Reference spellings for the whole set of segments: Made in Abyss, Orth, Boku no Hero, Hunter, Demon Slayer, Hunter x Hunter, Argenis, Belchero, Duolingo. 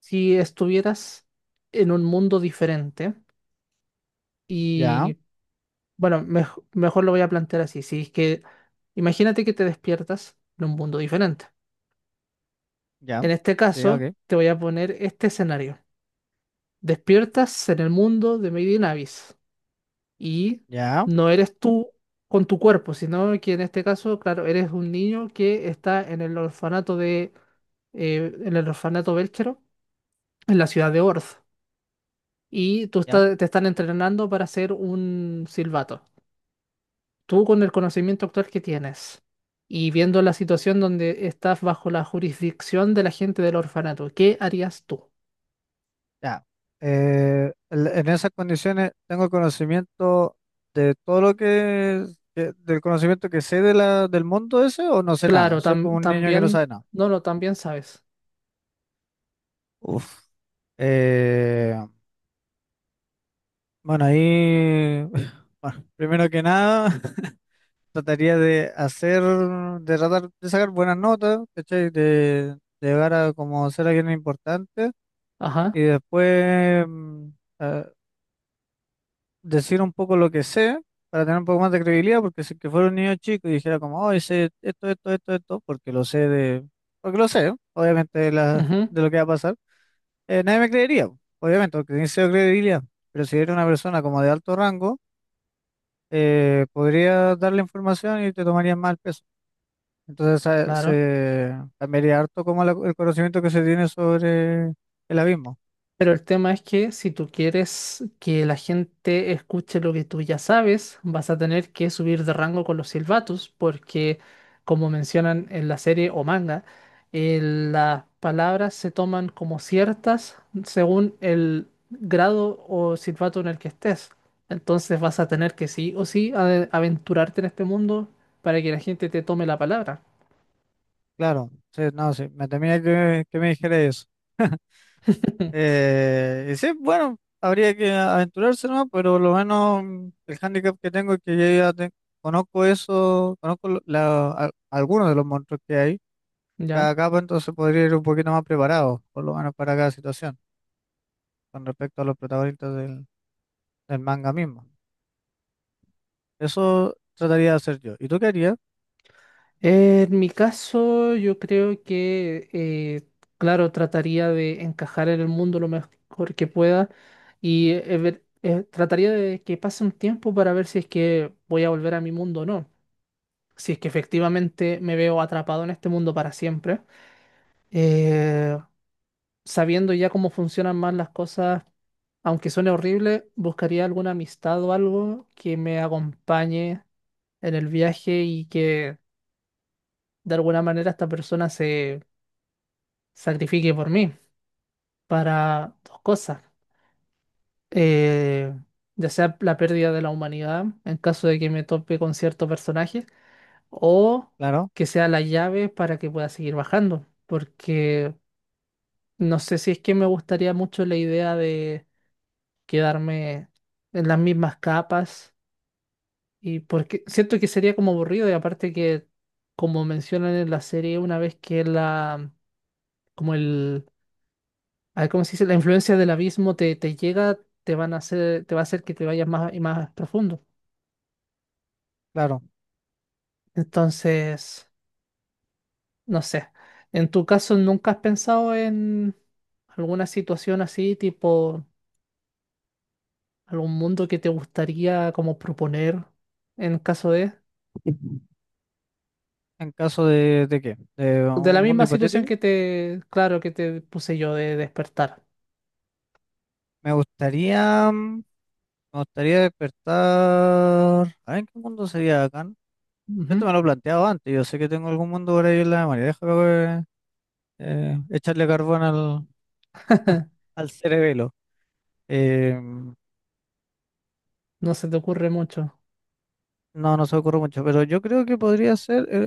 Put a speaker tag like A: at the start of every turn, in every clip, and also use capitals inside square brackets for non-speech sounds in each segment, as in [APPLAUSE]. A: Si estuvieras en un mundo diferente
B: Ya,
A: y, bueno, mejor lo voy a plantear así. Si es que, imagínate que te despiertas en un mundo diferente.
B: ya,
A: En este
B: sí,
A: caso,
B: ok,
A: te voy a poner este escenario. Despiertas en el mundo de Made in Abyss y
B: ya,
A: no eres tú con tu cuerpo, sino que en este caso, claro, eres un niño que está en el orfanato de, en el orfanato Belchero, en la ciudad de Orth. Y tú
B: ya,
A: te están entrenando para hacer un silbato. Tú, con el conocimiento actual que tienes y viendo la situación donde estás bajo la jurisdicción de la gente del orfanato, ¿qué harías tú?
B: ya. En esas condiciones tengo conocimiento de todo del conocimiento que sé de del mundo ese o no sé nada.
A: Claro,
B: Soy como un niño que no
A: también,
B: sabe nada.
A: no, no, también sabes.
B: Uf, Eh, bueno, ahí, [LAUGHS] bueno, primero que nada, [LAUGHS] trataría de hacer, de tratar de sacar buenas notas, ¿cachai? De llegar a como ser alguien importante y
A: Ajá,
B: después, a- decir un poco lo que sé para tener un poco más de credibilidad, porque si que fuera un niño chico y dijera como, oh, sé esto, esto, esto, esto, porque lo sé de, porque lo sé, obviamente,
A: ujú,
B: de lo que va a pasar, nadie me creería, po, obviamente, porque tiene cero credibilidad, pero si era una persona como de alto rango, podría darle información y te tomarían mal peso. Entonces
A: claro.
B: se cambiaría harto como el conocimiento que se tiene sobre el abismo.
A: Pero el tema es que si tú quieres que la gente escuche lo que tú ya sabes, vas a tener que subir de rango con los silbatos, porque como mencionan en la serie o manga, las palabras se toman como ciertas según el grado o silbato en el que estés. Entonces vas a tener que sí o sí aventurarte en este mundo para que la gente te tome la palabra.
B: Claro, sí, no, sí, me temía que me dijera eso. [LAUGHS]
A: [LAUGHS]
B: Y sí, bueno, habría que aventurarse, ¿no? Pero lo menos el handicap que tengo es que conozco eso, conozco algunos de los monstruos que hay en
A: ¿Ya?
B: cada capa, entonces podría ir un poquito más preparado, por lo menos para cada situación, con respecto a los protagonistas del manga mismo. Eso trataría de hacer yo. ¿Y tú qué harías?
A: En mi caso, yo creo que, claro, trataría de encajar en el mundo lo mejor que pueda y trataría de que pase un tiempo para ver si es que voy a volver a mi mundo o no. Si es que efectivamente me veo atrapado en este mundo para siempre, Eh, sabiendo ya cómo funcionan más las cosas, aunque suene horrible, buscaría alguna amistad o algo que me acompañe en el viaje y que de alguna manera esta persona se sacrifique por mí para dos cosas. Eh, ya sea la pérdida de la humanidad en caso de que me tope con cierto personaje, o
B: Claro,
A: que sea la llave para que pueda seguir bajando. Porque no sé si es que me gustaría mucho la idea de quedarme en las mismas capas, y porque siento que sería como aburrido y aparte que, como mencionan en la serie, una vez que la, como el, a ver cómo se dice, la influencia del abismo te, te llega, te va a hacer que te vayas más y más profundo.
B: claro.
A: Entonces, no sé. En tu caso, ¿nunca has pensado en alguna situación así, tipo algún mundo que te gustaría como proponer en caso de
B: ¿En caso de qué? ¿De
A: de la
B: un mundo
A: misma situación
B: hipotético?
A: que te, claro, que te puse yo, de despertar?
B: Me gustaría, me gustaría despertar. A ver, ¿en qué mundo sería acá? Yo
A: Ujú.
B: te me lo he planteado antes, yo sé que tengo algún mundo por ahí en la memoria. Déjame echarle carbón al,
A: [LAUGHS]
B: al cerebelo. Eh,
A: No se te ocurre mucho.
B: no, no se me ocurre mucho, pero yo creo que podría ser eh,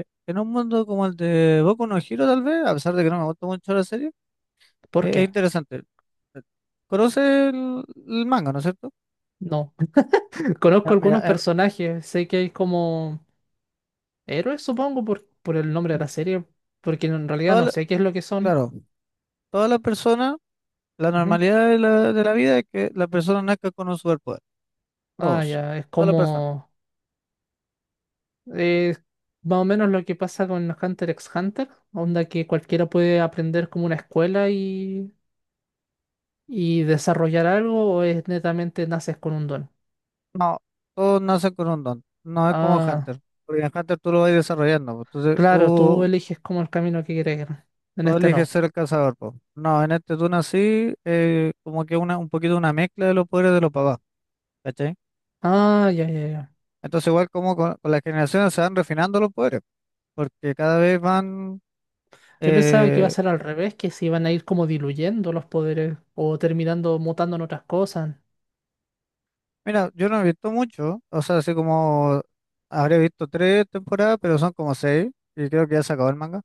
B: eh, en un mundo como el de Boku no Hero, tal vez, a pesar de que no me gusta mucho la serie,
A: ¿Por qué?
B: es interesante. Conoce el manga, ¿no es cierto?
A: No. [LAUGHS] Conozco
B: Ah, mira,
A: algunos personajes, sé que hay como héroes, supongo, por el nombre de la serie, porque en realidad
B: toda
A: no
B: la-
A: sé qué es lo que son.
B: claro, todas las personas, la
A: Ujú.
B: normalidad de de la vida es que la persona nazca con un superpoder,
A: Ah,
B: todos,
A: ya, es
B: todas las personas.
A: como... es más o menos lo que pasa con Hunter x Hunter, onda que cualquiera puede aprender como una escuela y desarrollar algo, o es netamente naces con un don.
B: No, tú naces con un don. No es como
A: Ah,
B: Hunter. Porque en Hunter tú lo vas desarrollando, pues. Entonces
A: claro, tú
B: tú,
A: eliges como el camino que quieres ir. En
B: tú
A: este
B: eliges
A: no.
B: ser el cazador, pues. No, en este tú nací como que una, un poquito una mezcla de los poderes de los papás. ¿Cachai?
A: Ah, ya, ya, ya.
B: Entonces igual como con las generaciones se van refinando los poderes. Porque cada vez van...
A: Yo pensaba que iba a
B: eh,
A: ser al revés, que se iban a ir como diluyendo los poderes o terminando mutando en otras cosas.
B: mira, yo no he visto mucho. O sea, así como habré visto tres temporadas, pero son como seis. Y creo que ya se acabó el manga.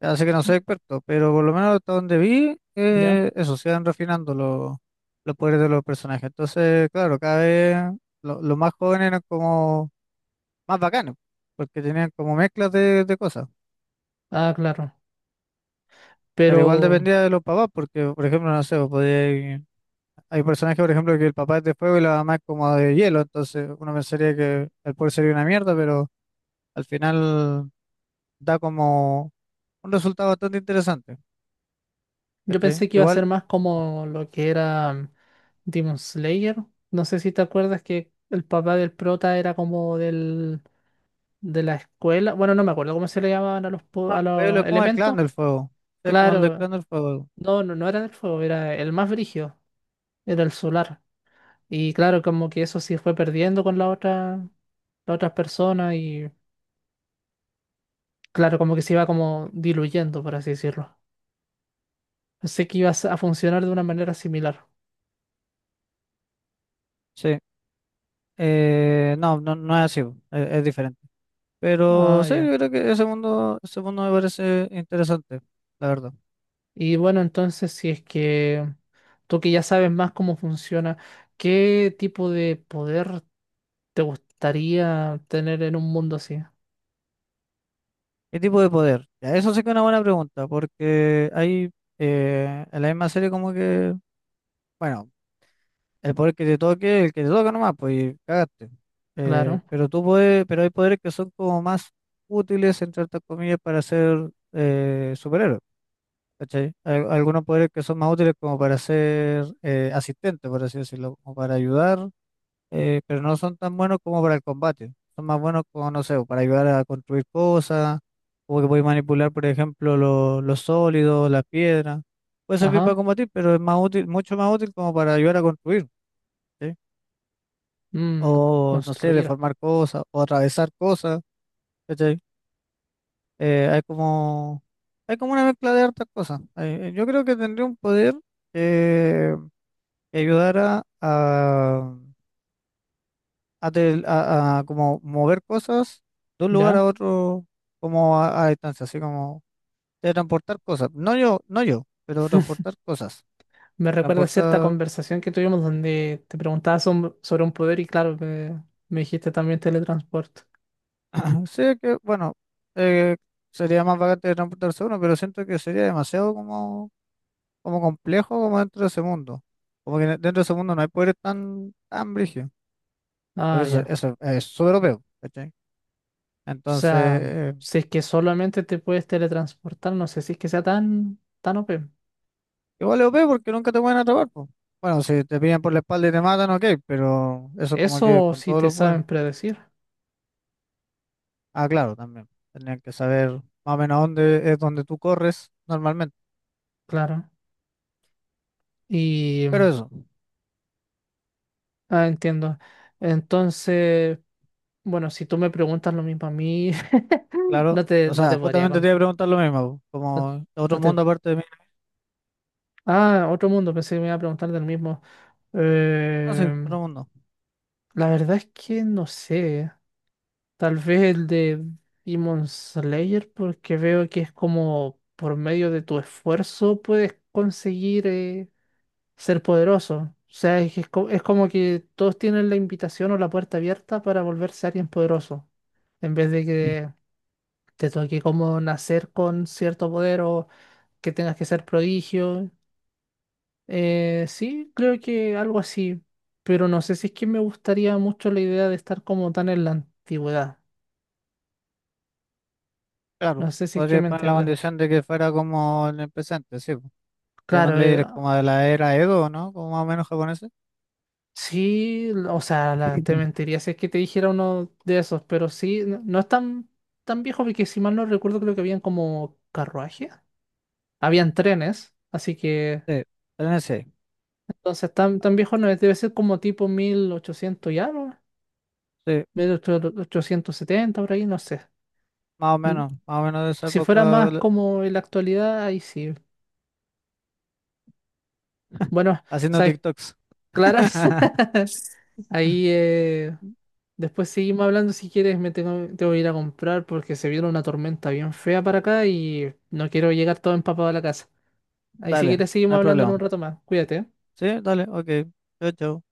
B: Así que no soy experto, pero por lo menos hasta donde vi,
A: Ya.
B: eso, se van refinando los poderes de los personajes. Entonces, claro, cada vez los más jóvenes eran como más bacanes, porque tenían como mezclas de cosas.
A: Ah, claro.
B: Pero igual
A: Pero
B: dependía de los papás, porque, por ejemplo, no sé, hay personajes, por ejemplo, que el papá es de fuego y la mamá es como de hielo, entonces uno pensaría que el poder sería una mierda, pero al final da como un resultado bastante interesante.
A: yo
B: ¿Cachai?
A: pensé que iba a
B: Igual.
A: ser más como lo que era, Demon Slayer. No sé si te acuerdas que el papá del prota era como del, de la escuela. Bueno, no me acuerdo cómo se le llamaban a los,
B: Ah,
A: a
B: Pueblo es
A: los
B: como el clan
A: elementos.
B: del fuego. Es como el del
A: Claro,
B: clan del fuego.
A: no, no, no era del fuego, era el más brígido, era el solar. Y claro, como que eso sí fue perdiendo con la otra persona, y claro, como que se iba como diluyendo, por así decirlo. Pensé que iba a funcionar de una manera similar.
B: Sí. No, no, no es así, bo. Es diferente. Pero
A: Ah,
B: sí,
A: ya.
B: yo creo que ese mundo me parece interesante, la verdad.
A: Y bueno, entonces, si es que tú, que ya sabes más cómo funciona, ¿qué tipo de poder te gustaría tener en un mundo así?
B: ¿Qué tipo de poder? Ya, eso sí que es una buena pregunta, porque hay en la misma serie como que, bueno, el poder que te toque, el que te toca nomás, pues, y cagaste.
A: Claro,
B: Pero tú puedes, pero hay poderes que son como más útiles, entre otras comillas, para ser superhéroe. ¿Cachai? Algunos poderes que son más útiles como para ser asistente, por así decirlo, como para ayudar, pero no son tan buenos como para el combate. Son más buenos como, no sé, para ayudar a construir cosas, o que podéis manipular, por ejemplo, los sólidos, las piedras. Puede servir para
A: ajá,
B: combatir, pero es más útil, mucho más útil como para ayudar a construir, ¿cachai?
A: mm,
B: O, no sé,
A: construir,
B: deformar cosas, o atravesar cosas, ¿cachai? Eh, hay como, hay como una mezcla de hartas cosas. Yo creo que tendría un poder eh, que ayudara a, a como mover cosas de un lugar a
A: ¿ya?
B: otro como a distancia, así como de transportar cosas. No yo, no yo, pero transportar cosas.
A: Me recuerda cierta
B: Transportar,
A: conversación que tuvimos donde te preguntabas sobre un poder y claro, me dijiste también teletransporte.
B: [CLEARS THROAT] sí que, bueno, eh, sería más bacán de transportarse uno, pero siento que sería demasiado como, como complejo como dentro de ese mundo. Como que dentro de ese mundo no hay poderes tan, tan brígidos, porque
A: Ah,
B: eso,
A: ya.
B: eso es súper OP, ¿cachai?
A: O sea,
B: Entonces,
A: si es que solamente te puedes teletransportar, no sé si es que sea tan, tan OP.
B: igual es OP porque nunca te pueden atrapar, po. Bueno, si te pillan por la espalda y te matan, ok, pero eso como que
A: Eso
B: con
A: sí
B: todos
A: te
B: los poderes.
A: saben predecir,
B: Ah, claro, también. Tendrían que saber más o menos a dónde es donde tú corres normalmente.
A: claro. Y,
B: Pero eso,
A: ah, entiendo. Entonces, bueno, si tú me preguntas lo mismo a mí, [LAUGHS]
B: claro. O
A: no
B: sea,
A: te podría
B: justamente te iba a preguntar lo mismo, po,
A: no,
B: como otro
A: no te...
B: mundo aparte de mí.
A: Ah, otro mundo, pensé que me iba a preguntar del mismo.
B: No sé,
A: Eh,
B: otro mundo.
A: la verdad es que no sé. Tal vez el de Demon Slayer, porque veo que es como por medio de tu esfuerzo puedes conseguir. Ser poderoso. O sea, es como que todos tienen la invitación o la puerta abierta para volverse alguien poderoso, en vez de que te toque como nacer con cierto poder o que tengas que ser prodigio. Sí, creo que algo así, pero no sé si es que me gustaría mucho la idea de estar como tan en la antigüedad. No
B: Claro,
A: sé si es que
B: podría
A: me
B: poner la
A: entiendes.
B: condición de que fuera como en el presente, sí, po. Demon
A: Claro,
B: Slayer es como de la era Edo, ¿no? Como más o menos japonés. [CLEARS THROAT]
A: sí, o sea, te
B: [LAUGHS]
A: mentiría si es que te dijera uno de esos, pero sí, no, no es tan, tan viejo porque si mal no recuerdo creo que habían como carruajes, habían trenes, así que
B: Sí, tenés, ese.
A: entonces tan, tan viejo no es, debe ser como tipo 1800 y algo,
B: Sí,
A: mil ochocientos setenta por ahí, no sé. Mm,
B: más o menos de esa
A: Si fuera más
B: época.
A: como en la actualidad, ahí sí. Bueno,
B: Haciendo
A: sabes,
B: TikToks.
A: claro,
B: [LAUGHS]
A: [LAUGHS] ahí después seguimos hablando si quieres, tengo que ir a comprar porque se viene una tormenta bien fea para acá y no quiero llegar todo empapado a la casa. Ahí si
B: Dale, no
A: quieres seguimos
B: hay
A: hablando en
B: problema.
A: un rato más. Cuídate, ¿eh?
B: Sí, dale, ok. Chao, chao.